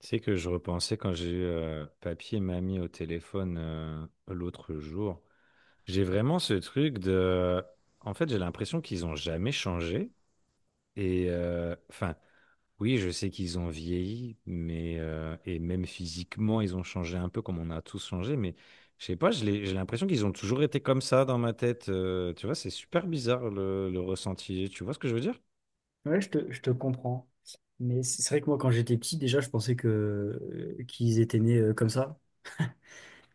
Tu sais que je repensais quand j'ai eu papy et mamie au téléphone l'autre jour. J'ai vraiment ce truc de... En fait, j'ai l'impression qu'ils ont jamais changé. Enfin, oui, je sais qu'ils ont vieilli, mais et même physiquement, ils ont changé un peu comme on a tous changé. Mais je sais pas, j'ai l'impression qu'ils ont toujours été comme ça dans ma tête. Tu vois, c'est super bizarre le ressenti. Tu vois ce que je veux dire? Ouais, je te comprends. Mais c'est vrai que moi, quand j'étais petit, déjà, je pensais que qu'ils étaient nés comme ça.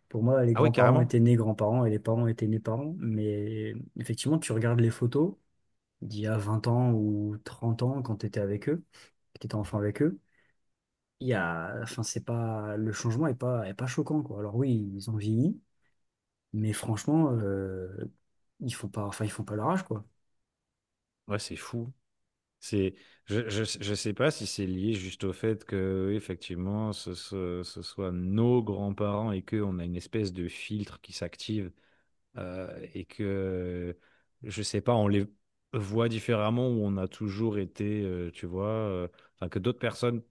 Pour moi, les Ah oui, grands-parents carrément. étaient nés grands-parents et les parents étaient nés parents. Mais effectivement, tu regardes les photos d'il y a 20 ans ou 30 ans quand tu étais avec eux, que tu étais enfant avec eux. Il y a, enfin, c'est pas, le changement est pas choquant, quoi. Alors oui, ils ont vieilli, mais franchement, ils font pas, enfin, ils font pas leur âge, quoi. Ouais, c'est fou. C'est, je sais pas si c'est lié juste au fait que, oui, effectivement, ce soit nos grands-parents et qu'on a une espèce de filtre qui s'active, et que, je sais pas, on les voit différemment ou on a toujours été, tu vois, enfin, que d'autres personnes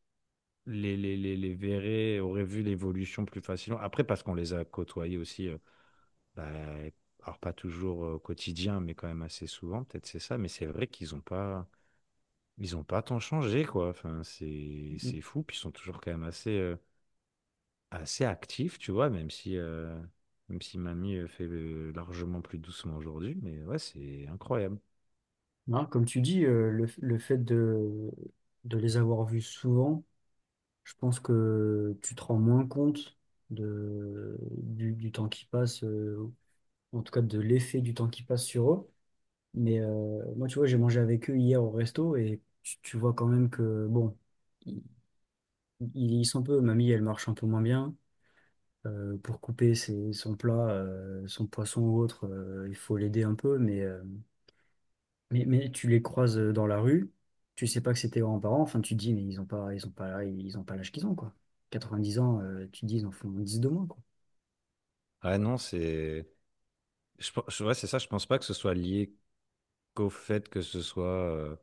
les verraient, auraient vu l'évolution plus facilement. Après, parce qu'on les a côtoyés aussi, bah, alors pas toujours au quotidien, mais quand même assez souvent, peut-être c'est ça, mais c'est vrai qu'ils ont pas. Ils ont pas tant changé, quoi. Enfin, c'est fou. Puis ils sont toujours quand même assez, assez actifs, tu vois, même si Mamie fait largement plus doucement aujourd'hui. Mais ouais, c'est incroyable. Hein, comme tu dis, le fait de les avoir vus souvent, je pense que tu te rends moins compte de, du temps qui passe, en tout cas de l'effet du temps qui passe sur eux. Mais moi, tu vois, j'ai mangé avec eux hier au resto et tu vois quand même que, bon, ils, ils vieillissent un peu. Mamie, elle marche un peu moins bien. Pour couper son plat, son poisson ou autre, il faut l'aider un peu. Mais, mais tu les croises dans la rue, tu sais pas que c'est tes grands-parents, enfin tu te dis mais ils ont pas ils ont pas ils ont pas l'âge qu'ils ont, quoi. 90 ans, tu te dis ils en font 10 de moins, quoi. Ah non, c'est. Ouais, c'est ça. Je pense pas que ce soit lié qu'au fait que ce soit euh,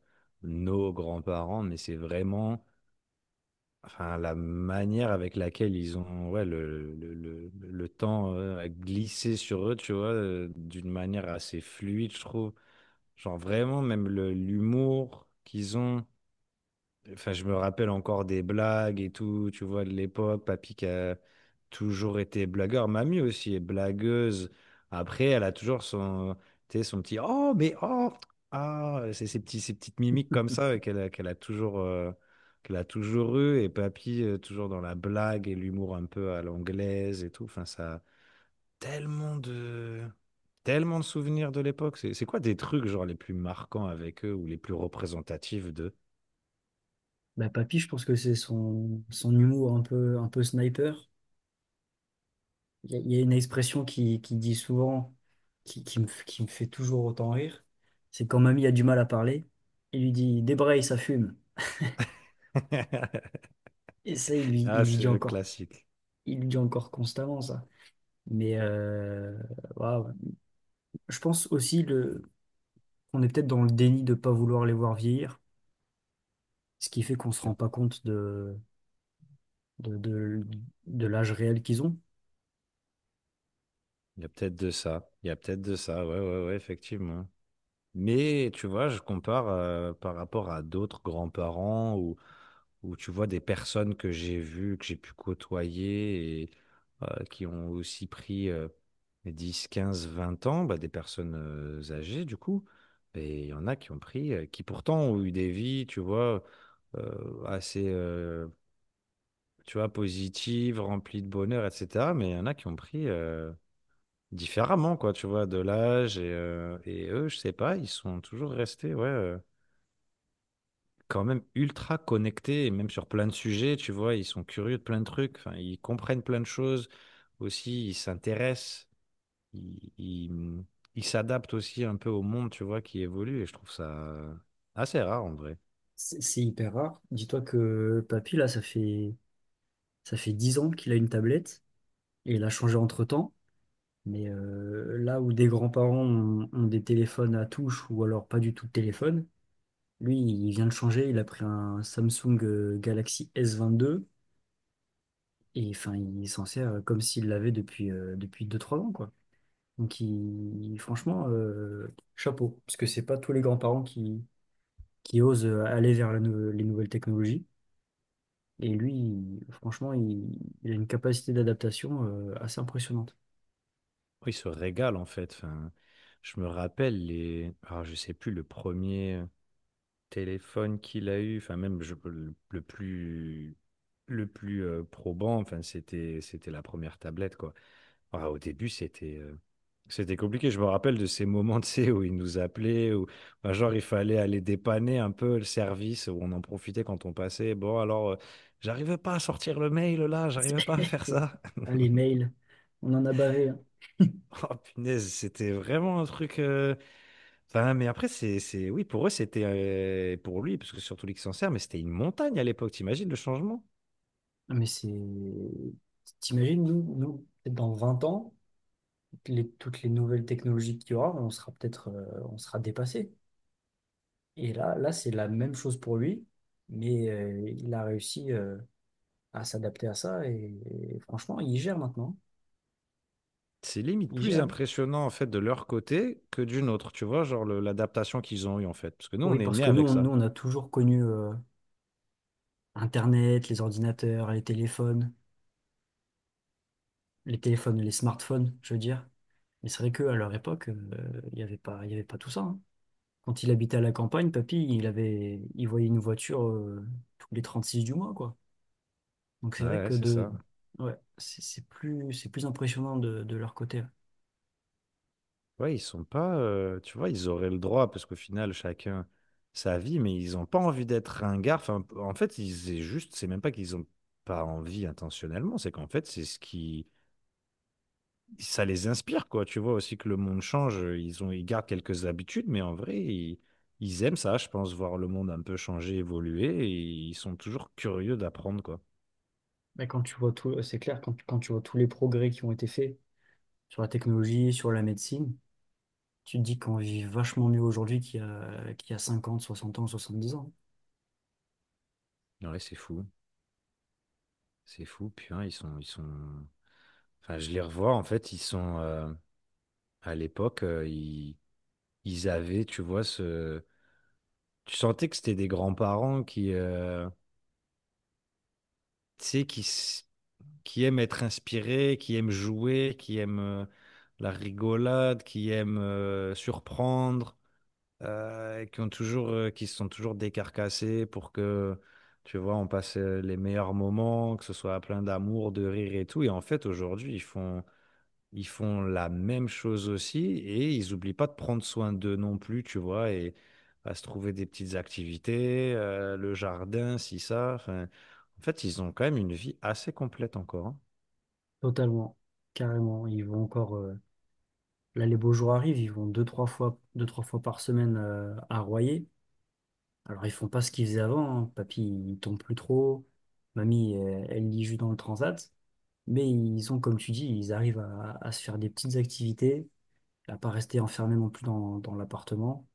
nos grands-parents, mais c'est vraiment, enfin, la manière avec laquelle ils ont, ouais, le temps a glissé sur eux, tu vois, d'une manière assez fluide, je trouve. Genre vraiment, même l'humour qu'ils ont. Enfin, je me rappelle encore des blagues et tout, tu vois, de l'époque. Papy qui a toujours été blagueur. Mamie aussi est blagueuse. Après, elle a toujours son, tu sais, son petit «Oh, mais oh!» Ah, c'est ces petits, ces petites mimiques comme ça qu'elle a, qu'elle a toujours eu. Et papy, toujours dans la blague et l'humour un peu à l'anglaise et tout. Enfin, ça tellement de tellement de souvenirs de l'époque. C'est quoi des trucs genre les plus marquants avec eux ou les plus représentatifs d'eux? Bah papy, je pense que c'est son, son humour un peu sniper. Il y a, il y a une expression qui dit souvent qui, qui me fait toujours autant rire, c'est quand mamie a du mal à parler, il lui dit débraye, ça fume. Et ça il lui il Ah, lui c'est dit encore classique. il lui dit encore constamment ça. Mais waouh. Je pense aussi le on est peut-être dans le déni de ne pas vouloir les voir vieillir, ce qui fait qu'on ne se Il y a, rend pas compte de, de, de l'âge réel qu'ils ont. il y a peut-être de ça. Il y a peut-être de ça. Ouais, ouais, ouais, effectivement. Mais tu vois, je compare par rapport à d'autres grands-parents, ou où tu vois des personnes que j'ai vues, que j'ai pu côtoyer, et qui ont aussi pris, 10, 15, 20 ans, bah, des personnes âgées du coup. Et il y en a qui ont pris, qui pourtant ont eu des vies, tu vois, assez, tu vois, positives, remplies de bonheur, etc. Mais il y en a qui ont pris différemment, quoi, tu vois, de l'âge. Et eux, je sais pas, ils sont toujours restés, ouais, quand même ultra connectés, et même sur plein de sujets, tu vois, ils sont curieux de plein de trucs, enfin, ils comprennent plein de choses aussi, ils s'intéressent, ils, ils- ils s'adaptent aussi un peu au monde, tu vois, qui évolue, et je trouve ça assez rare en vrai. C'est hyper rare. Dis-toi que papy, là, ça fait 10 ans qu'il a une tablette et il a changé entre-temps. Mais là où des grands-parents ont, ont des téléphones à touche ou alors pas du tout de téléphone, lui, il vient de changer. Il a pris un Samsung Galaxy S22 et enfin, il s'en sert comme s'il l'avait depuis, depuis 2 3 ans, quoi. Donc, franchement, chapeau, parce que c'est pas tous les grands-parents qui osent aller vers la les nouvelles technologies. Et lui, franchement, il a une capacité d'adaptation assez impressionnante. Oh, ils se régalent en fait, enfin, je me rappelle les... Ah, je sais plus, le premier téléphone qu'il a eu, enfin même le plus... Le plus probant, enfin, c'était la première tablette, quoi. Ah, au début, c'était, c'était compliqué. Je me rappelle de ces moments, tu sais, où ils nous appelaient, où, enfin, genre il fallait aller dépanner un peu le service, où on en profitait quand on passait. Bon, alors, j'arrivais pas à sortir le mail là, j'arrivais pas à faire ça. Ah, les mails, on en a bavé, hein. Oh punaise, c'était vraiment un truc. Enfin, mais après, c'est, oui, pour eux, c'était, pour lui, parce que surtout lui qui s'en sert, mais c'était une montagne à l'époque. T'imagines le changement? Ah, mais c'est. T'imagines, nous, nous, peut-être dans 20 ans, toutes les nouvelles technologies qu'il y aura, on sera peut-être on sera dépassé. Et là, là, c'est la même chose pour lui, mais il a réussi, à s'adapter à ça. Et franchement, ils gèrent maintenant. C'est limite Ils plus gèrent. impressionnant en fait de leur côté que d'une autre. Tu vois, genre l'adaptation qu'ils ont eue en fait, parce que nous, Oui, on est parce nés que nous, avec on, nous, ça. on a toujours connu Internet, les ordinateurs, les téléphones, les téléphones, les smartphones, je veux dire. Mais c'est vrai qu'à leur époque, il n'y avait pas, il y avait pas tout ça, hein. Quand il habitait à la campagne, papy, il avait, il voyait une voiture tous les 36 du mois, quoi. Donc c'est Ouais, vrai ouais, que c'est de, ça. ouais, c'est plus, c'est plus impressionnant de leur côté, ouais. Ouais, ils sont pas, tu vois, ils auraient le droit, parce qu'au final, chacun sa vie, mais ils n'ont pas envie d'être ringards. Enfin, en fait, ils, c'est juste, c'est même pas qu'ils ont pas envie intentionnellement, c'est qu'en fait, c'est ce qui, ça les inspire, quoi. Tu vois aussi que le monde change, ils ont, ils gardent quelques habitudes, mais en vrai, ils aiment ça, je pense, voir le monde un peu changer, évoluer, et ils sont toujours curieux d'apprendre, quoi. Mais quand tu vois tout, c'est clair, quand, quand tu vois tous les progrès qui ont été faits sur la technologie, sur la médecine, tu te dis qu'on vit vachement mieux aujourd'hui qu'il y a 50, 60 ans, 70 ans. Ouais, c'est fou, c'est fou. Puis, hein, enfin, je les revois, en fait, ils sont, à l'époque, ils avaient, tu vois, ce... Tu sentais que c'était des grands-parents qui, tu sais, qui aiment être inspirés, qui aiment jouer, qui aiment la rigolade, qui aiment surprendre, et qui ont toujours, qui se sont toujours décarcassés pour que, tu vois, on passe les meilleurs moments, que ce soit plein d'amour, de rire et tout. Et en fait, aujourd'hui, ils font la même chose aussi et ils n'oublient pas de prendre soin d'eux non plus, tu vois, et à se trouver des petites activités, le jardin, si ça. Enfin, en fait, ils ont quand même une vie assez complète encore, hein. Totalement, carrément. Ils vont encore, là, les beaux jours arrivent, ils vont deux, trois fois par semaine à Royer. Alors, ils font pas ce qu'ils faisaient avant, hein. Papy, il tombe plus trop. Mamie, elle, elle lit juste dans le transat. Mais ils ont, comme tu dis, ils arrivent à se faire des petites activités, à pas rester enfermés non plus dans, dans l'appartement.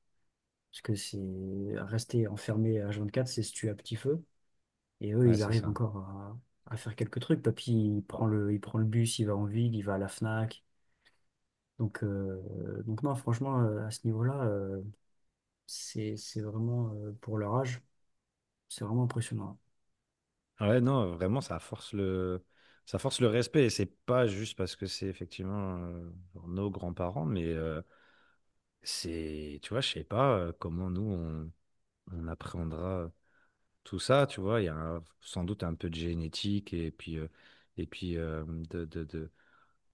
Parce que c'est rester enfermé à 24, c'est se tuer à petit feu. Et eux, Ouais, ils c'est arrivent ça. encore à faire quelques trucs. Papy, il prend le bus, il va en ville, il va à la Fnac. Donc non, franchement, à ce niveau-là, c'est vraiment, pour leur âge, c'est vraiment impressionnant. Ah ouais, non, vraiment, ça force le respect, et c'est pas juste parce que c'est effectivement genre nos grands-parents, mais c'est, tu vois, je sais pas comment nous on appréhendra tout ça, tu vois. Il y a un- Sans doute un peu de génétique, et puis, et puis euh, de, de, de-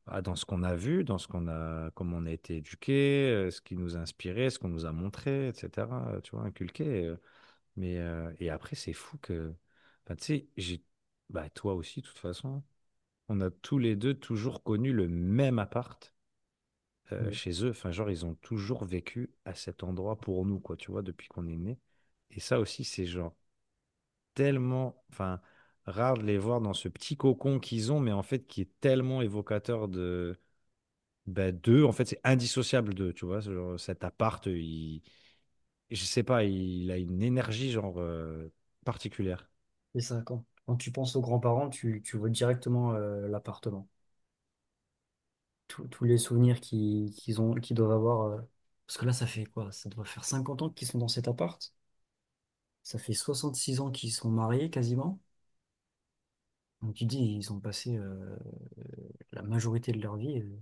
ah, dans ce qu'on a vu, dans ce qu'on a, comment on a été éduqué, ce qui nous a inspiré, ce qu'on nous a montré, etc., tu vois, inculqué. Mais, et après, c'est fou que, bah, tu sais, j'ai, bah, toi aussi, de toute façon, on a tous les deux toujours connu le même appart, Oui. chez eux. Enfin, genre ils ont toujours vécu à cet endroit pour nous, quoi, tu vois, depuis qu'on est né. Et ça aussi c'est genre tellement, enfin, rare de les voir dans ce petit cocon qu'ils ont, mais en fait, qui est tellement évocateur de, bah, d'eux. En fait, c'est indissociable d'eux, tu vois. Ce genre, cet appart, il, je sais pas, il a une énergie, genre, particulière. Et ça, quand, quand tu penses aux grands-parents, tu vois directement l'appartement. Tous les souvenirs qu'ils ont, qu'ils doivent avoir, parce que là, ça fait quoi? Ça doit faire 50 ans qu'ils sont dans cet appart. Ça fait 66 ans qu'ils sont mariés quasiment. Donc tu dis, ils ont passé la majorité de leur vie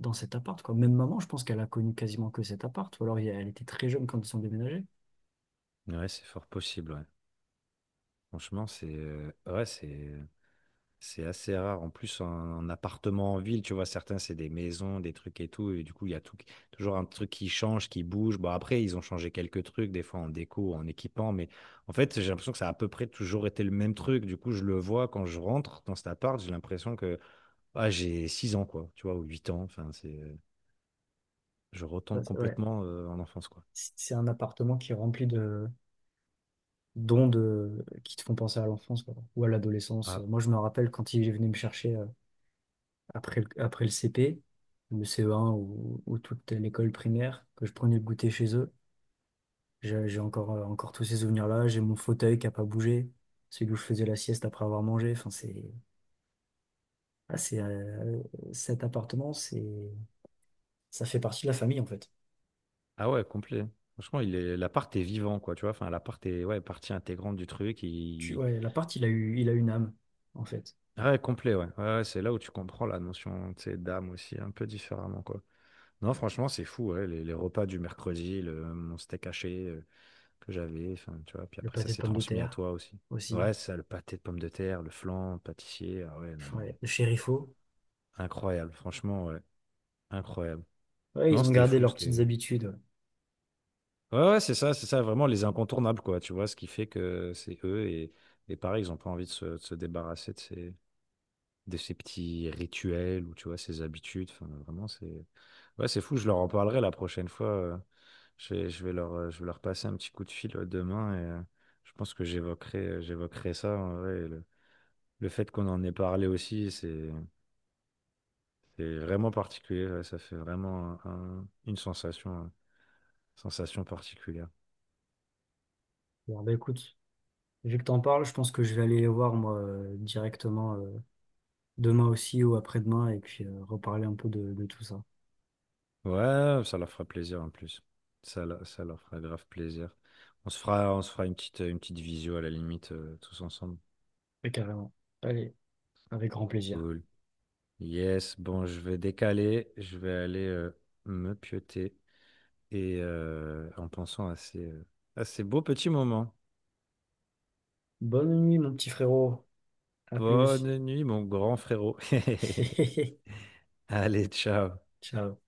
dans cet appart, quoi. Même maman, je pense qu'elle a connu quasiment que cet appart, ou alors elle était très jeune quand ils sont déménagés. Ouais, c'est fort possible, ouais. Franchement, c'est, ouais, c'est. C'est assez rare. En plus, en, en appartement en ville, tu vois, certains, c'est des maisons, des trucs et tout. Et du coup, il y a tout, qui- toujours un truc qui change, qui bouge. Bon, après, ils ont changé quelques trucs, des fois en déco, en équipant. Mais en fait, j'ai l'impression que ça a à peu près toujours été le même truc. Du coup, je le vois quand je rentre dans cet appart, j'ai l'impression que, ah, j'ai 6 ans, quoi, tu vois, ou 8 ans. Enfin, c'est, je Ça, retombe ouais. complètement en enfance, quoi. C'est un appartement qui est rempli de d'ondes qui te font penser à l'enfance, quoi, ou à l'adolescence. Ah, Moi, je me rappelle quand il venait me chercher après le CP, le CE1 ou toute l'école primaire, que je prenais le goûter chez eux. J'ai encore, encore tous ces souvenirs-là. J'ai mon fauteuil qui n'a pas bougé, celui où je faisais la sieste après avoir mangé. Enfin, c'est ah, c'est, cet appartement, c'est, ça fait partie de la famille en fait. ah ouais, complet. Franchement, il est, l'appart est vivant, quoi, tu vois. Enfin, l'appart est, ouais, partie intégrante du truc. Tu, Il, ouais, l'appart, il a eu, il a une âme en fait. ouais, complet, ouais. Ouais, ouais, c'est là où tu comprends la notion, tu sais, d'âme aussi, un peu différemment, quoi. Non, franchement, c'est fou, ouais, les repas du mercredi, le, mon steak haché que j'avais, enfin, tu vois, puis Le après, ça pâté de s'est pommes de transmis à terre toi aussi. aussi. Ouais, ça, le pâté de pommes de terre, le flan, le pâtissier, ah ouais, non, mais Ouais, le chérifo. incroyable, franchement, ouais, incroyable. Ouais, Non, ils ont c'était gardé fou, leurs petites c'était... habitudes. Ouais. Ouais, ouais, c'est ça, vraiment les incontournables, quoi, tu vois, ce qui fait que c'est eux, et pareil, ils n'ont pas envie de se débarrasser de ces petits rituels, ou tu vois, ces habitudes, enfin, vraiment, c'est... Ouais, c'est fou, je leur en parlerai la prochaine fois. Je vais leur, je vais leur passer un petit coup de fil demain, et je pense que j'évoquerai ça, en vrai, et le fait qu'on en ait parlé aussi, c'est vraiment particulier. Ouais, ça fait vraiment une sensation, sensation particulière. Bon, bah écoute, vu que t'en parles, je pense que je vais aller les voir moi directement demain aussi ou après-demain et puis reparler un peu de tout ça. Ouais, ça leur fera plaisir en plus. Ça, ça leur fera grave plaisir. On se fera une petite visio à la limite, tous ensemble. Ouais, carrément. Allez, avec grand plaisir. Cool. Yes, bon, je vais décaler, je vais aller me pioter. Et en pensant à ces beaux petits moments. Bonne nuit, mon petit frérot. À plus. Bonne nuit, mon grand frérot. Allez, ciao. Ciao.